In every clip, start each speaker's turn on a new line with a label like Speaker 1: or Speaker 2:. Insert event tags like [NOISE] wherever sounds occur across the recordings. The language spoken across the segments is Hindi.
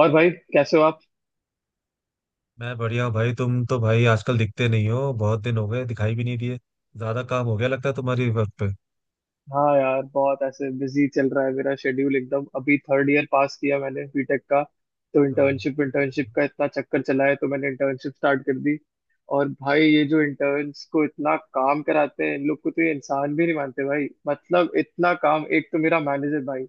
Speaker 1: और भाई, कैसे हो आप?
Speaker 2: मैं बढ़िया हूँ भाई। तुम तो भाई आजकल दिखते नहीं हो, बहुत दिन हो गए दिखाई भी नहीं दिए। ज्यादा काम हो गया लगता है तुम्हारी वर्क पे।
Speaker 1: हाँ यार, बहुत ऐसे बिजी चल रहा है मेरा शेड्यूल एकदम। अभी थर्ड ईयर पास किया मैंने बीटेक का, तो
Speaker 2: हाँ
Speaker 1: इंटर्नशिप इंटर्नशिप का इतना चक्कर चला है तो मैंने इंटर्नशिप स्टार्ट कर दी। और भाई, ये जो इंटर्न्स को इतना काम कराते हैं इन लोग को, तो ये इंसान भी नहीं मानते भाई। मतलब इतना काम, एक तो मेरा मैनेजर भाई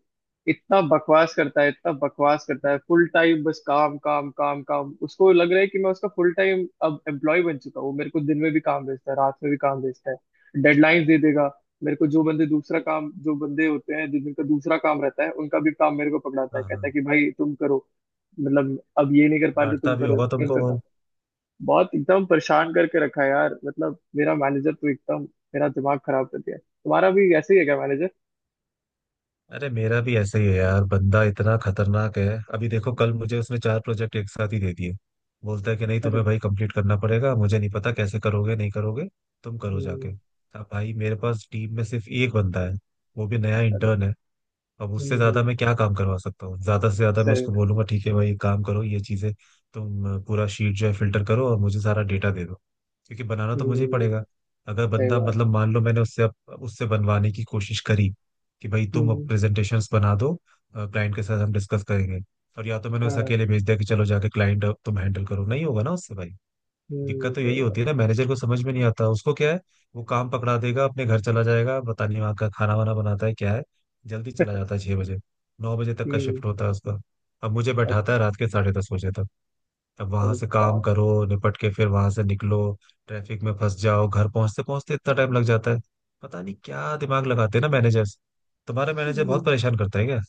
Speaker 1: इतना बकवास करता है, इतना बकवास करता है। फुल टाइम बस काम काम काम काम। उसको लग रहा है कि मैं उसका फुल टाइम अब एम्प्लॉय बन चुका हूँ। वो मेरे को दिन में भी काम भेजता है, रात में भी काम भेजता है, डेडलाइंस दे देगा। मेरे को जो बंदे दूसरा काम, जो बंदे होते हैं जिनका दूसरा काम रहता है, उनका भी काम मेरे को पकड़ाता है।
Speaker 2: हाँ
Speaker 1: कहता है
Speaker 2: हाँ,
Speaker 1: कि भाई तुम करो, मतलब अब ये नहीं कर पा रहे तो तुम
Speaker 2: डांटता भी
Speaker 1: करो
Speaker 2: होगा तुमको
Speaker 1: इनका
Speaker 2: वो।
Speaker 1: काम। बहुत एकदम परेशान करके रखा है यार। मतलब मेरा मैनेजर तो एकदम मेरा दिमाग खराब कर दिया। तुम्हारा भी ऐसे ही है क्या मैनेजर?
Speaker 2: अरे मेरा भी ऐसा ही है यार, बंदा इतना खतरनाक है। अभी देखो, कल मुझे उसने चार प्रोजेक्ट एक साथ ही दे दिए। बोलता है कि नहीं
Speaker 1: अरे
Speaker 2: तुम्हें भाई कंप्लीट करना पड़ेगा, मुझे नहीं पता कैसे करोगे नहीं करोगे, तुम करो जाके।
Speaker 1: हम्म।
Speaker 2: अब भाई मेरे पास टीम में सिर्फ एक बंदा है, वो भी नया
Speaker 1: अरे
Speaker 2: इंटर्न है। अब
Speaker 1: हम्म।
Speaker 2: उससे ज्यादा मैं क्या काम करवा सकता हूँ। ज्यादा से ज्यादा मैं
Speaker 1: सही।
Speaker 2: उसको बोलूंगा ठीक है भाई, एक काम करो ये चीजें, तुम पूरा शीट जो है फिल्टर करो और मुझे सारा डेटा दे दो, क्योंकि बनाना तो मुझे ही
Speaker 1: हम्म,
Speaker 2: पड़ेगा। अगर
Speaker 1: सही
Speaker 2: बंदा
Speaker 1: बात
Speaker 2: मतलब
Speaker 1: है।
Speaker 2: मान लो मैंने उससे अब उससे बनवाने की कोशिश करी, कि भाई तुम अब
Speaker 1: हम्म।
Speaker 2: प्रेजेंटेशंस बना दो, क्लाइंट के साथ हम डिस्कस करेंगे, और या तो मैंने उसे
Speaker 1: हाँ,
Speaker 2: अकेले भेज दिया कि चलो जाके क्लाइंट तुम हैंडल करो, नहीं होगा ना उससे भाई।
Speaker 1: हम्म,
Speaker 2: दिक्कत तो
Speaker 1: सही
Speaker 2: यही होती है ना,
Speaker 1: बात।
Speaker 2: मैनेजर को समझ में नहीं आता उसको क्या है। वो काम पकड़ा देगा अपने घर चला जाएगा, पता नहीं वहाँ का खाना वाना बनाता है क्या है। जल्दी चला जाता है 6 बजे। 9 बजे तक का
Speaker 1: हम्म।
Speaker 2: शिफ्ट होता है उसका, अब मुझे बैठाता है
Speaker 1: अच्छा।
Speaker 2: रात के 10:30 बजे तक। अब वहां
Speaker 1: अरे
Speaker 2: से काम
Speaker 1: बाप।
Speaker 2: करो निपट के, फिर वहां से निकलो, ट्रैफिक में फंस जाओ, घर पहुंचते पहुंचते इतना टाइम लग जाता है। पता नहीं क्या दिमाग लगाते हैं ना मैनेजर्स। तुम्हारा मैनेजर
Speaker 1: हम्म।
Speaker 2: बहुत परेशान करता है क्या?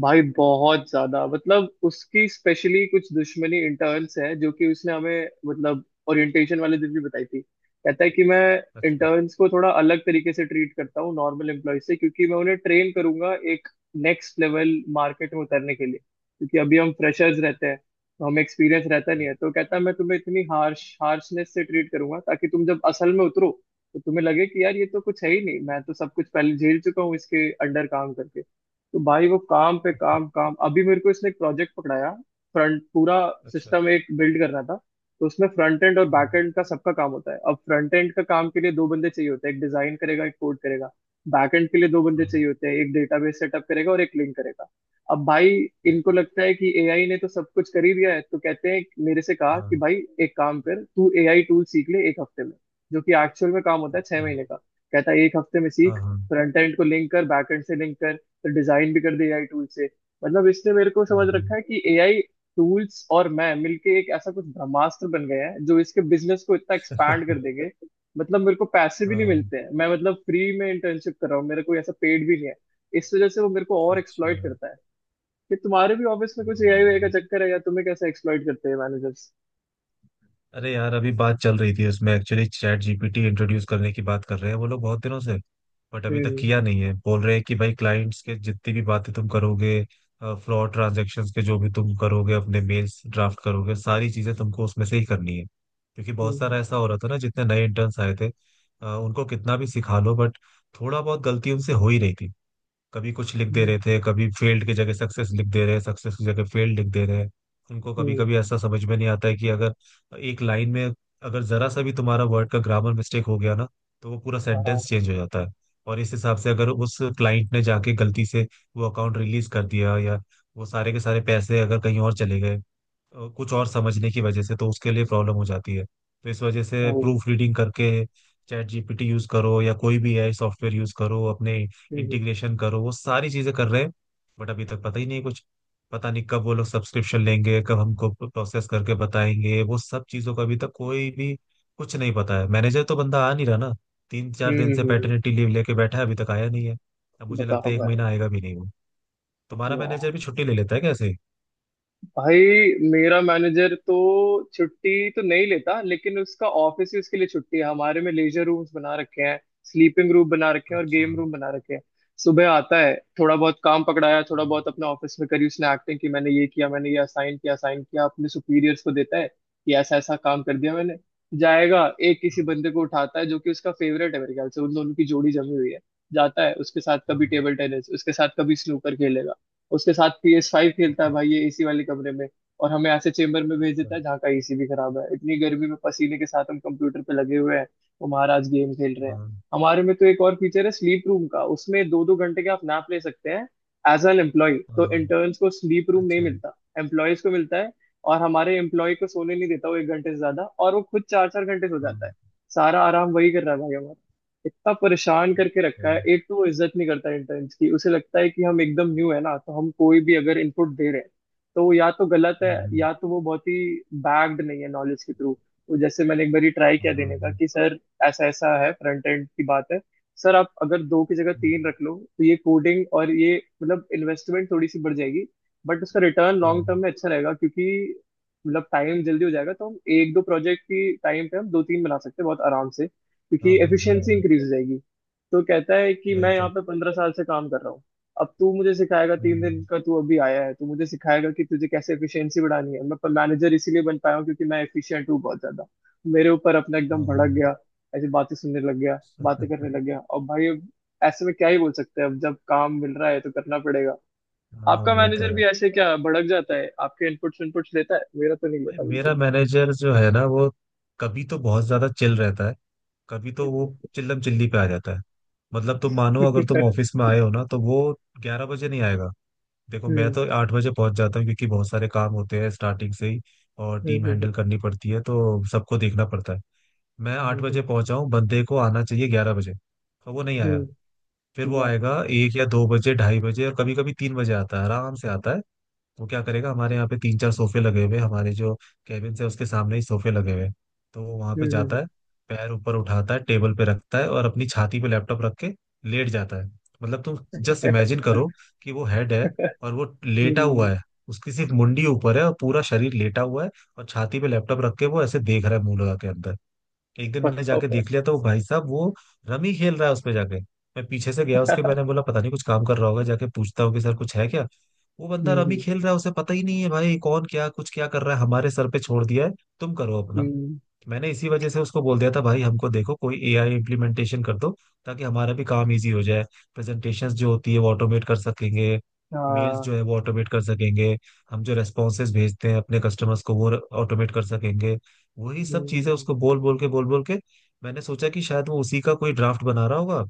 Speaker 1: भाई बहुत ज्यादा, मतलब उसकी स्पेशली कुछ दुश्मनी इंटर्न्स है, जो कि उसने हमें मतलब ओरिएंटेशन वाले दिन भी बताई थी। कहता है कि मैं
Speaker 2: अच्छा।
Speaker 1: इंटर्न्स को थोड़ा अलग तरीके से ट्रीट करता हूँ नॉर्मल एम्प्लॉय से, क्योंकि मैं उन्हें ट्रेन करूंगा एक नेक्स्ट लेवल मार्केट में उतरने के लिए। क्योंकि अभी हम फ्रेशर्स रहते हैं तो हमें एक्सपीरियंस रहता नहीं है, तो कहता है मैं तुम्हें इतनी हार्शनेस से ट्रीट करूंगा ताकि तुम जब असल में उतरो तो तुम्हें लगे कि यार, ये तो कुछ है ही नहीं, मैं तो सब कुछ पहले झेल चुका हूँ इसके अंडर काम करके। तो भाई, वो काम पे काम काम। अभी मेरे को इसने एक प्रोजेक्ट पकड़ाया, फ्रंट पूरा
Speaker 2: अच्छा।
Speaker 1: सिस्टम एक बिल्ड करना था। तो उसमें फ्रंट एंड और
Speaker 2: हम्म,
Speaker 1: बैक एंड का सबका काम होता है। अब फ्रंट एंड का काम के लिए दो बंदे चाहिए होते हैं, एक डिजाइन करेगा एक कोड करेगा। बैक एंड के लिए दो बंदे
Speaker 2: हाँ।
Speaker 1: चाहिए होते हैं, एक डेटाबेस सेटअप करेगा और एक लिंक करेगा। अब भाई, इनको
Speaker 2: अच्छा।
Speaker 1: लगता है कि एआई ने तो सब कुछ कर ही दिया है, तो कहते हैं, मेरे से कहा कि
Speaker 2: हाँ।
Speaker 1: भाई एक काम कर, तू एआई टूल सीख ले एक हफ्ते में, जो कि एक्चुअल में काम होता है छह
Speaker 2: अच्छा,
Speaker 1: महीने का। कहता है एक हफ्ते में
Speaker 2: हाँ
Speaker 1: सीख,
Speaker 2: हाँ
Speaker 1: फ्रंट एंड को लिंक कर, बैक एंड से लिंक कर, डिजाइन भी कर दी एआई टूल से। मतलब इसने मेरे को
Speaker 2: हाँ
Speaker 1: समझ
Speaker 2: हाँ
Speaker 1: रखा है कि एआई टूल्स और मैं मिलके एक ऐसा कुछ ब्रह्मास्त्र बन गए हैं जो इसके बिजनेस को इतना एक्सपैंड कर देंगे। मतलब मेरे को पैसे भी नहीं
Speaker 2: हाँ।
Speaker 1: मिलते हैं, मैं मतलब फ्री में इंटर्नशिप कर रहा हूँ, मेरा कोई ऐसा पेड भी नहीं है। इस वजह से वो मेरे को और
Speaker 2: अच्छा।
Speaker 1: एक्सप्लॉइट करता है। कि तुम्हारे भी ऑफिस में कुछ
Speaker 2: अरे
Speaker 1: एआई
Speaker 2: यार,
Speaker 1: वाई का चक्कर है, या तुम्हें कैसे एक्सप्लॉइट करते हैं मैनेजर्स?
Speaker 2: अरे यार, अभी बात चल रही थी उसमें एक्चुअली चैट जीपीटी इंट्रोड्यूस करने की बात कर रहे हैं वो लोग बहुत दिनों से। बट अभी तक
Speaker 1: हम्म
Speaker 2: किया नहीं है। बोल रहे हैं कि भाई, क्लाइंट्स के जितनी भी बातें तुम करोगे, फ्रॉड ट्रांजैक्शंस के जो भी तुम करोगे, अपने मेल्स ड्राफ्ट करोगे, सारी चीजें तुमको उसमें से ही करनी है, क्योंकि बहुत
Speaker 1: हम्म।
Speaker 2: सारा ऐसा हो रहा था ना, जितने नए इंटर्न्स आए थे, उनको कितना भी सिखा लो बट थोड़ा बहुत गलती उनसे हो ही रही थी। कभी कुछ लिख दे
Speaker 1: हम्म।
Speaker 2: रहे थे, कभी फेल्ड की जगह सक्सेस लिख दे रहे हैं, सक्सेस की जगह फेल्ड लिख दे रहे हैं। उनको कभी
Speaker 1: हम्म,
Speaker 2: कभी ऐसा समझ में नहीं आता है कि अगर एक लाइन में अगर जरा सा भी तुम्हारा वर्ड का ग्रामर मिस्टेक हो गया ना, तो वो पूरा सेंटेंस
Speaker 1: हाँ।
Speaker 2: चेंज हो जाता है। और इस हिसाब से अगर उस क्लाइंट ने जाके गलती से वो अकाउंट रिलीज कर दिया, या वो सारे के सारे पैसे अगर कहीं और चले गए कुछ और समझने की वजह से, तो उसके लिए प्रॉब्लम हो जाती है। तो इस वजह
Speaker 1: ओ,
Speaker 2: से प्रूफ रीडिंग करके चैट जीपीटी यूज करो, या कोई भी एआई सॉफ्टवेयर यूज करो, अपने
Speaker 1: हम्म।
Speaker 2: इंटीग्रेशन करो, वो सारी चीजें कर रहे हैं। बट अभी तक पता ही नहीं कुछ, पता नहीं कब वो लोग सब्सक्रिप्शन लेंगे, कब हमको प्रोसेस करके बताएंगे वो सब चीजों का, अभी तक कोई भी कुछ नहीं पता है। मैनेजर तो बंदा आ नहीं रहा ना, तीन चार
Speaker 1: हम्म।
Speaker 2: दिन से पैटर्निटी लीव लेके बैठा है, अभी तक आया नहीं है। अब मुझे लगता
Speaker 1: बताओ
Speaker 2: है एक
Speaker 1: भाई।
Speaker 2: महीना आएगा भी नहीं वो। तुम्हारा
Speaker 1: वाह।
Speaker 2: मैनेजर भी छुट्टी ले लेता है कैसे?
Speaker 1: भाई, मेरा मैनेजर तो छुट्टी तो नहीं लेता, लेकिन उसका ऑफिस ही उसके लिए छुट्टी है। हमारे में लेजर रूम्स बना रखे हैं, स्लीपिंग रूम बना रखे हैं और
Speaker 2: अच्छा।
Speaker 1: गेम रूम बना रखे हैं। सुबह आता है, थोड़ा बहुत काम पकड़ाया, थोड़ा बहुत अपने ऑफिस में करी उसने एक्टिंग की, मैंने ये किया, मैंने ये असाइन किया, असाइन किया, अपने सुपीरियर्स को देता है कि ऐसा ऐसा काम कर दिया मैंने। जाएगा, एक किसी बंदे को उठाता है जो कि उसका फेवरेट है, मेरे ख्याल से उन दोनों की जोड़ी जमी हुई है। जाता है उसके साथ, कभी
Speaker 2: हाँ
Speaker 1: टेबल टेनिस उसके साथ, कभी स्नूकर खेलेगा उसके साथ, PS5 खेलता है भाई ये, एसी वाले कमरे में। और हमें ऐसे चेम्बर में भेज देता
Speaker 2: हाँ
Speaker 1: है जहाँ का एसी भी खराब है। इतनी गर्मी में पसीने के साथ हम कंप्यूटर पे लगे हुए हैं, वो महाराज गेम खेल रहे हैं। हमारे में तो एक और फीचर है, स्लीप रूम का, उसमें दो दो घंटे का आप नैप ले सकते हैं। एज एन एम्प्लॉय,
Speaker 2: हाँ
Speaker 1: तो
Speaker 2: हाँ,
Speaker 1: इंटर्न्स को स्लीप रूम नहीं
Speaker 2: अच्छा।
Speaker 1: मिलता, एम्प्लॉयज को मिलता है। और हमारे एम्प्लॉय को सोने नहीं देता वो एक घंटे से ज्यादा, और वो खुद चार चार घंटे सो जाता है।
Speaker 2: हाँ।
Speaker 1: सारा आराम वही कर रहा है भाई हमारा। इतना परेशान करके
Speaker 2: अच्छा।
Speaker 1: रखा है। एक तो वो इज्जत नहीं करता इंटर्न्स की, उसे लगता है कि हम एकदम न्यू है ना, तो हम कोई भी अगर इनपुट दे रहे हैं तो वो या तो गलत है
Speaker 2: हम्म हम्म,
Speaker 1: या तो वो बहुत ही बैग्ड नहीं है नॉलेज के थ्रू। तो जैसे मैंने एक बार ट्राई
Speaker 2: हाँ
Speaker 1: किया
Speaker 2: हाँ
Speaker 1: देने का,
Speaker 2: हाँ
Speaker 1: कि सर ऐसा ऐसा है, फ्रंट एंड की बात है, सर आप अगर दो की जगह तीन रख लो तो ये कोडिंग और ये, मतलब इन्वेस्टमेंट थोड़ी सी बढ़ जाएगी बट उसका रिटर्न
Speaker 2: हाँ
Speaker 1: लॉन्ग टर्म में अच्छा रहेगा। क्योंकि मतलब टाइम जल्दी हो जाएगा, तो हम एक दो प्रोजेक्ट की टाइम पे हम दो तीन बना सकते हैं बहुत आराम से,
Speaker 2: हाँ
Speaker 1: क्योंकि
Speaker 2: हाँ,
Speaker 1: एफिशिएंसी
Speaker 2: हाँ,
Speaker 1: इंक्रीज हो जाएगी। तो कहता है कि
Speaker 2: वही
Speaker 1: मैं
Speaker 2: तो।
Speaker 1: यहाँ पे 15 साल से काम कर रहा हूँ, अब तू मुझे सिखाएगा? तीन
Speaker 2: हम्म।
Speaker 1: दिन का तू अभी आया है, तू मुझे सिखाएगा कि तुझे कैसे एफिशिएंसी बढ़ानी है? मैं मैनेजर इसीलिए बन पाया हूँ क्योंकि मैं एफिशिएंट हूँ बहुत ज्यादा। मेरे ऊपर अपना एकदम
Speaker 2: हाँ हाँ
Speaker 1: भड़क गया, ऐसी बातें सुनने लग गया, बातें करने लग गया। और भाई अब ऐसे में क्या ही बोल सकते हैं, अब जब काम मिल रहा है तो करना पड़ेगा।
Speaker 2: हाँ।
Speaker 1: आपका
Speaker 2: वो तो
Speaker 1: मैनेजर
Speaker 2: है।
Speaker 1: भी ऐसे क्या भड़क जाता है? आपके इनपुट्स इनपुट्स लेता है? मेरा तो नहीं
Speaker 2: भाई
Speaker 1: लेता
Speaker 2: मेरा
Speaker 1: बिल्कुल।
Speaker 2: मैनेजर जो है ना, वो कभी तो बहुत ज्यादा चिल रहता है, कभी तो वो चिल्लम चिल्ली पे आ जाता है। मतलब तुम मानो अगर तुम
Speaker 1: [LAUGHS]
Speaker 2: ऑफिस में आए हो ना, तो वो 11 बजे नहीं आएगा। देखो, मैं
Speaker 1: हम्म।
Speaker 2: तो 8 बजे पहुंच जाता हूँ, क्योंकि बहुत सारे काम होते हैं स्टार्टिंग से ही, और
Speaker 1: हम्म।
Speaker 2: टीम
Speaker 1: हम्म।
Speaker 2: हैंडल करनी पड़ती है तो सबको देखना पड़ता है। मैं आठ
Speaker 1: हम्म।
Speaker 2: बजे पहुंचा हूँ, बंदे को आना चाहिए 11 बजे, पर वो नहीं आया।
Speaker 1: हम्म।
Speaker 2: फिर वो
Speaker 1: वाह।
Speaker 2: आएगा 1 या 2 बजे, 2:30 बजे, और कभी कभी 3 बजे आता है, आराम से आता है। वो क्या करेगा, हमारे यहाँ पे तीन चार सोफे लगे हुए हैं, हमारे जो कैबिन है उसके सामने ही सोफे लगे हुए हैं। तो वो वहां पे जाता
Speaker 1: हम्म।
Speaker 2: है, पैर ऊपर उठाता है टेबल पे रखता है, और अपनी छाती पे लैपटॉप रख के लेट जाता है। मतलब तुम जस्ट इमेजिन करो, कि वो हेड
Speaker 1: [LAUGHS]
Speaker 2: है
Speaker 1: हम्म।
Speaker 2: और वो लेटा
Speaker 1: हम्म,
Speaker 2: हुआ है, उसकी सिर्फ मुंडी ऊपर है और पूरा शरीर लेटा हुआ है, और छाती पे लैपटॉप रख के वो ऐसे देख रहा है मुंह लगा के अंदर। एक दिन मैंने
Speaker 1: बताओ।
Speaker 2: जाके
Speaker 1: हम्म।
Speaker 2: देख लिया तो वो भाई साहब वो रमी खेल रहा है उसपे जाके। मैं पीछे से गया उसके, मैंने बोला पता नहीं कुछ काम कर रहा होगा, जाके पूछता हूँ कि सर कुछ है क्या। वो बंदा रमी
Speaker 1: हम्म।
Speaker 2: खेल रहा है, उसे पता ही नहीं है भाई कौन क्या कुछ क्या कर रहा है, हमारे सर पे छोड़ दिया है, तुम करो अपना।
Speaker 1: हम्म।
Speaker 2: मैंने इसी वजह से उसको बोल दिया था, भाई हमको देखो कोई एआई इम्प्लीमेंटेशन कर दो, ताकि हमारा भी काम इजी हो जाए, प्रेजेंटेशंस जो होती है वो ऑटोमेट कर सकेंगे, मेल्स
Speaker 1: हाँ।
Speaker 2: जो है वो ऑटोमेट कर सकेंगे, हम जो रेस्पॉन्सेज भेजते हैं अपने कस्टमर्स को वो ऑटोमेट कर सकेंगे, वही सब चीजें
Speaker 1: हम्म।
Speaker 2: उसको बोल बोल के, बोल बोल के। मैंने सोचा कि शायद वो उसी का कोई ड्राफ्ट बना रहा होगा,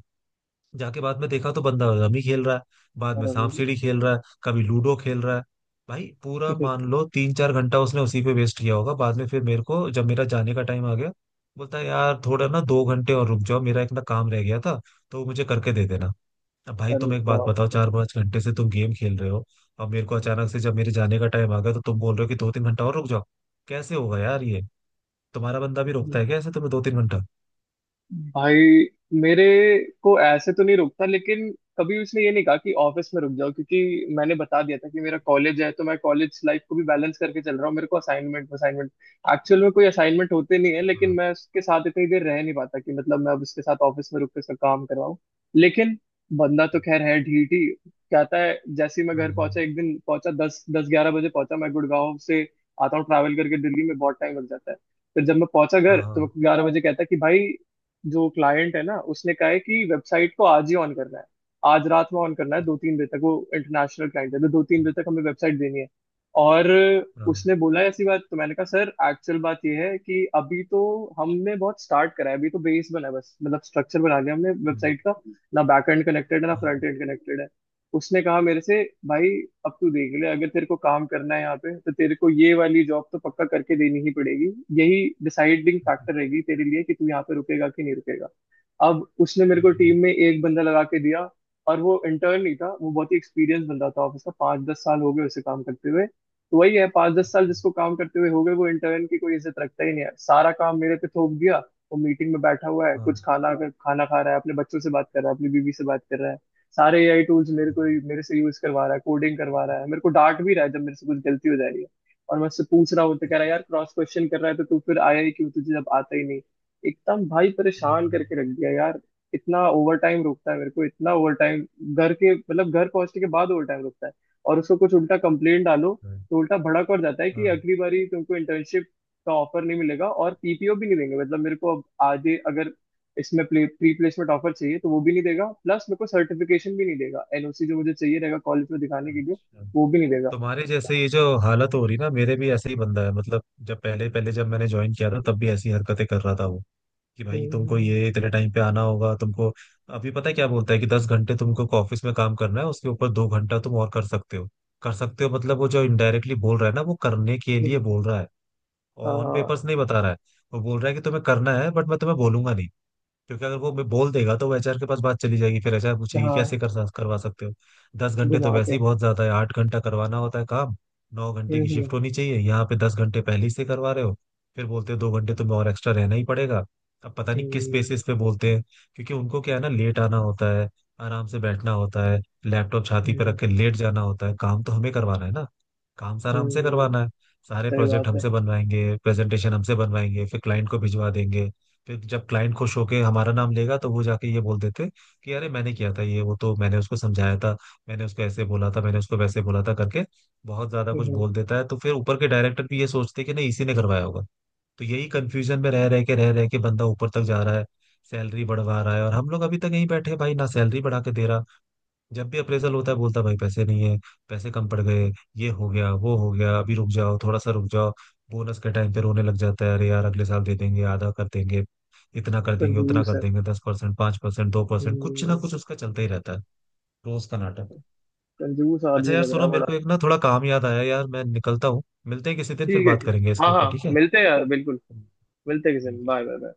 Speaker 2: जाके बाद में देखा तो बंदा रमी खेल रहा है, बाद में
Speaker 1: अरे।
Speaker 2: सांप सीढ़ी खेल रहा है, कभी लूडो खेल रहा है। भाई पूरा
Speaker 1: [LAUGHS]
Speaker 2: मान लो तीन चार घंटा उसने उसी पे वेस्ट किया होगा, बाद में फिर मेरे को, जब मेरा जाने का टाइम आ गया, बोलता है यार थोड़ा ना 2 घंटे और रुक जाओ, मेरा एक ना काम रह गया था, तो वो मुझे करके दे देना। अब भाई
Speaker 1: अरे
Speaker 2: तुम एक बात
Speaker 1: बाप।
Speaker 2: बताओ, चार पांच घंटे से तुम गेम खेल रहे हो, अब मेरे को अचानक से जब मेरे जाने का टाइम आ गया तो तुम बोल रहे हो कि दो तीन घंटा और रुक जाओ, कैसे होगा यार ये। तुम्हारा बंदा भी रोकता
Speaker 1: हम्म।
Speaker 2: है क्या ऐसे तुम्हें दो तीन घंटा?
Speaker 1: भाई मेरे को ऐसे तो नहीं रोकता, लेकिन कभी उसने ये नहीं कहा कि ऑफिस में रुक जाओ, क्योंकि मैंने बता दिया था कि मेरा कॉलेज है, तो मैं कॉलेज लाइफ को भी बैलेंस करके चल रहा हूँ। मेरे को असाइनमेंट असाइनमेंट, एक्चुअल में कोई असाइनमेंट होते नहीं है, लेकिन
Speaker 2: हाँ
Speaker 1: मैं उसके साथ इतनी देर रह नहीं पाता कि मतलब मैं अब उसके साथ ऑफिस में रुक के उसका काम करवाऊँ। लेकिन बंदा तो खैर है ढीठ ही। कहता है, जैसे ही मैं
Speaker 2: हाँ
Speaker 1: घर
Speaker 2: हाँ
Speaker 1: पहुंचा, एक दिन पहुंचा दस दस 11 बजे पहुंचा, मैं गुड़गांव से आता हूँ ट्रैवल करके, दिल्ली में बहुत टाइम लग जाता है। फिर जब मैं पहुंचा घर
Speaker 2: हाँ
Speaker 1: तो मेरे
Speaker 2: हाँ,
Speaker 1: को 11 बजे कहता है कि भाई, जो क्लाइंट है ना उसने कहा है कि वेबसाइट को आज ही ऑन करना है, आज रात में ऑन करना है, दो तीन बजे तक, वो इंटरनेशनल क्लाइंट है तो दो तीन बजे तक हमें वेबसाइट देनी है। और
Speaker 2: हाँ,
Speaker 1: उसने बोला ऐसी बात, तो मैंने कहा सर एक्चुअल बात ये है कि अभी तो हमने बहुत स्टार्ट करा है, अभी तो बेस बना है बस, मतलब स्ट्रक्चर बना लिया हमने
Speaker 2: Mm,
Speaker 1: वेबसाइट का, ना बैक एंड कनेक्टेड है ना
Speaker 2: uh-huh.
Speaker 1: फ्रंट एंड कनेक्टेड है। उसने कहा मेरे से, भाई अब तू देख ले, अगर तेरे को काम करना है यहाँ पे तो तेरे को ये वाली जॉब तो पक्का करके देनी ही पड़ेगी, यही डिसाइडिंग फैक्टर रहेगी तेरे लिए कि तू यहाँ पे रुकेगा कि नहीं रुकेगा। अब उसने मेरे को
Speaker 2: हम्म,
Speaker 1: टीम में एक बंदा लगा के दिया, और वो इंटर्न नहीं था, वो बहुत ही एक्सपीरियंस बंदा था ऑफिस का, 5-10 साल हो गए उसे काम करते हुए। तो वही है, 5-10 साल
Speaker 2: हाँ,
Speaker 1: जिसको काम करते हुए हो गए वो इंटर्न की कोई इज्जत रखता ही नहीं है, सारा काम मेरे पे थोप दिया। वो मीटिंग में बैठा हुआ है,
Speaker 2: हाँ,
Speaker 1: कुछ खाना खाना खा रहा है, अपने बच्चों से बात कर रहा है, अपनी बीवी से बात कर रहा है। सारे एआई टूल्स मेरे को,
Speaker 2: हाँ,
Speaker 1: मेरे से यूज करवा रहा है, कोडिंग करवा रहा है, मेरे को डांट भी रहा है जब मेरे से कुछ गलती हो जा रही है। और मैं उससे पूछ रहा हूँ तो कह रहा है यार क्रॉस क्वेश्चन कर रहा है तो तू फिर आया ही क्यों, तुझे जब आता ही नहीं। एकदम भाई परेशान
Speaker 2: हम्म,
Speaker 1: करके रख दिया यार। इतना ओवर टाइम रुकता है मेरे को, इतना ओवर टाइम, घर के मतलब घर पहुंचने के बाद ओवर टाइम रुकता है। और उसको कुछ उल्टा कंप्लेंट डालो
Speaker 2: right,
Speaker 1: तो उल्टा भड़क और जाता है कि
Speaker 2: हाँ,
Speaker 1: अगली बारी तुमको इंटर्नशिप का ऑफर नहीं मिलेगा, और पीपीओ भी नहीं देंगे। मतलब मेरे को अब आगे अगर इसमें प्री प्लेसमेंट ऑफर चाहिए तो वो भी नहीं देगा, प्लस मेरे को सर्टिफिकेशन भी नहीं देगा, एनओसी जो मुझे चाहिए रहेगा कॉलेज में दिखाने के लिए,
Speaker 2: अच्छा।
Speaker 1: वो भी नहीं देगा।
Speaker 2: तुम्हारे जैसे ये जो हालत हो रही ना, मेरे भी ऐसे ही बंदा है। मतलब जब पहले पहले जब मैंने ज्वाइन किया था, तब भी ऐसी हरकतें कर रहा था वो। कि भाई तुमको
Speaker 1: हम्म,
Speaker 2: ये इतने टाइम पे आना होगा तुमको। अभी पता है क्या बोलता है, कि 10 घंटे तुमको ऑफिस में काम करना है, उसके ऊपर 2 घंटा तुम और कर सकते हो। कर सकते हो मतलब वो जो इनडायरेक्टली बोल रहा है ना, वो करने के लिए
Speaker 1: हम्म।
Speaker 2: बोल रहा है। ऑन
Speaker 1: हाँ
Speaker 2: पेपर्स नहीं बता रहा है। वो बोल रहा है कि तुम्हें करना है, बट मैं तुम्हें बोलूंगा नहीं, क्योंकि अगर वो मैं बोल देगा तो वो एचआर के पास बात चली जाएगी, फिर एचआर पूछेगी कैसे
Speaker 1: हाँ।
Speaker 2: करवा सकते हो। दस घंटे तो
Speaker 1: घुमा
Speaker 2: वैसे
Speaker 1: के।
Speaker 2: ही बहुत ज्यादा है, 8 घंटा करवाना होता है काम। 9 घंटे की
Speaker 1: हम्म।
Speaker 2: शिफ्ट होनी चाहिए यहाँ पे, 10 घंटे पहले ही से करवा रहे हो, फिर बोलते हो 2 घंटे तुम्हें और एक्स्ट्रा रहना ही पड़ेगा। अब पता नहीं किस
Speaker 1: हम्म,
Speaker 2: बेसिस पे बोलते हैं। क्योंकि उनको क्या है ना, लेट आना होता है, आराम से बैठना होता है, लैपटॉप छाती पे रख
Speaker 1: हम्म।
Speaker 2: के लेट जाना होता है। काम तो हमें करवाना है ना, काम सारा हमसे
Speaker 1: हम्म,
Speaker 2: करवाना है, सारे
Speaker 1: सही
Speaker 2: प्रोजेक्ट
Speaker 1: बात है।
Speaker 2: हमसे बनवाएंगे, प्रेजेंटेशन हमसे बनवाएंगे, फिर क्लाइंट को भिजवा देंगे। फिर जब क्लाइंट खुश होके हमारा नाम लेगा, तो वो जाके ये बोल देते कि अरे मैंने किया था ये वो, तो मैंने उसको समझाया था, मैंने उसको ऐसे बोला था, मैंने उसको वैसे बोला था करके, बहुत ज्यादा कुछ
Speaker 1: हम्म,
Speaker 2: बोल देता है। तो फिर ऊपर के डायरेक्टर भी ये सोचते कि नहीं इसी ने करवाया होगा। तो यही कंफ्यूजन में रह रह के बंदा ऊपर तक जा रहा है, सैलरी बढ़वा रहा है, और हम लोग अभी तक यहीं बैठे हैं भाई, ना सैलरी बढ़ा के दे रहा। जब भी अप्रेजल होता है बोलता है भाई पैसे नहीं है, पैसे कम पड़ गए, ये हो गया वो हो गया, अभी रुक जाओ थोड़ा सा रुक जाओ। बोनस के टाइम पे रोने लग जाता है, अरे यार अगले साल दे देंगे, आधा कर देंगे, इतना कर देंगे उतना
Speaker 1: कंजूस
Speaker 2: कर
Speaker 1: है।
Speaker 2: देंगे, 10% 5% 2%, कुछ ना
Speaker 1: हम्म,
Speaker 2: कुछ उसका चलता ही रहता है। रोज का नाटक।
Speaker 1: कंजूस
Speaker 2: अच्छा
Speaker 1: आदमी
Speaker 2: यार
Speaker 1: लग रहा
Speaker 2: सुनो,
Speaker 1: है
Speaker 2: मेरे
Speaker 1: बड़ा।
Speaker 2: को एक ना थोड़ा काम याद आया यार, मैं निकलता हूँ, मिलते हैं किसी दिन, फिर
Speaker 1: ठीक है,
Speaker 2: बात
Speaker 1: ठीक है।
Speaker 2: करेंगे
Speaker 1: हाँ
Speaker 2: इसके ऊपर,
Speaker 1: हाँ,
Speaker 2: ठीक है?
Speaker 1: मिलते हैं यार, बिल्कुल। मिलते हैं किसी दिन,
Speaker 2: ठीक है।
Speaker 1: Bye bye.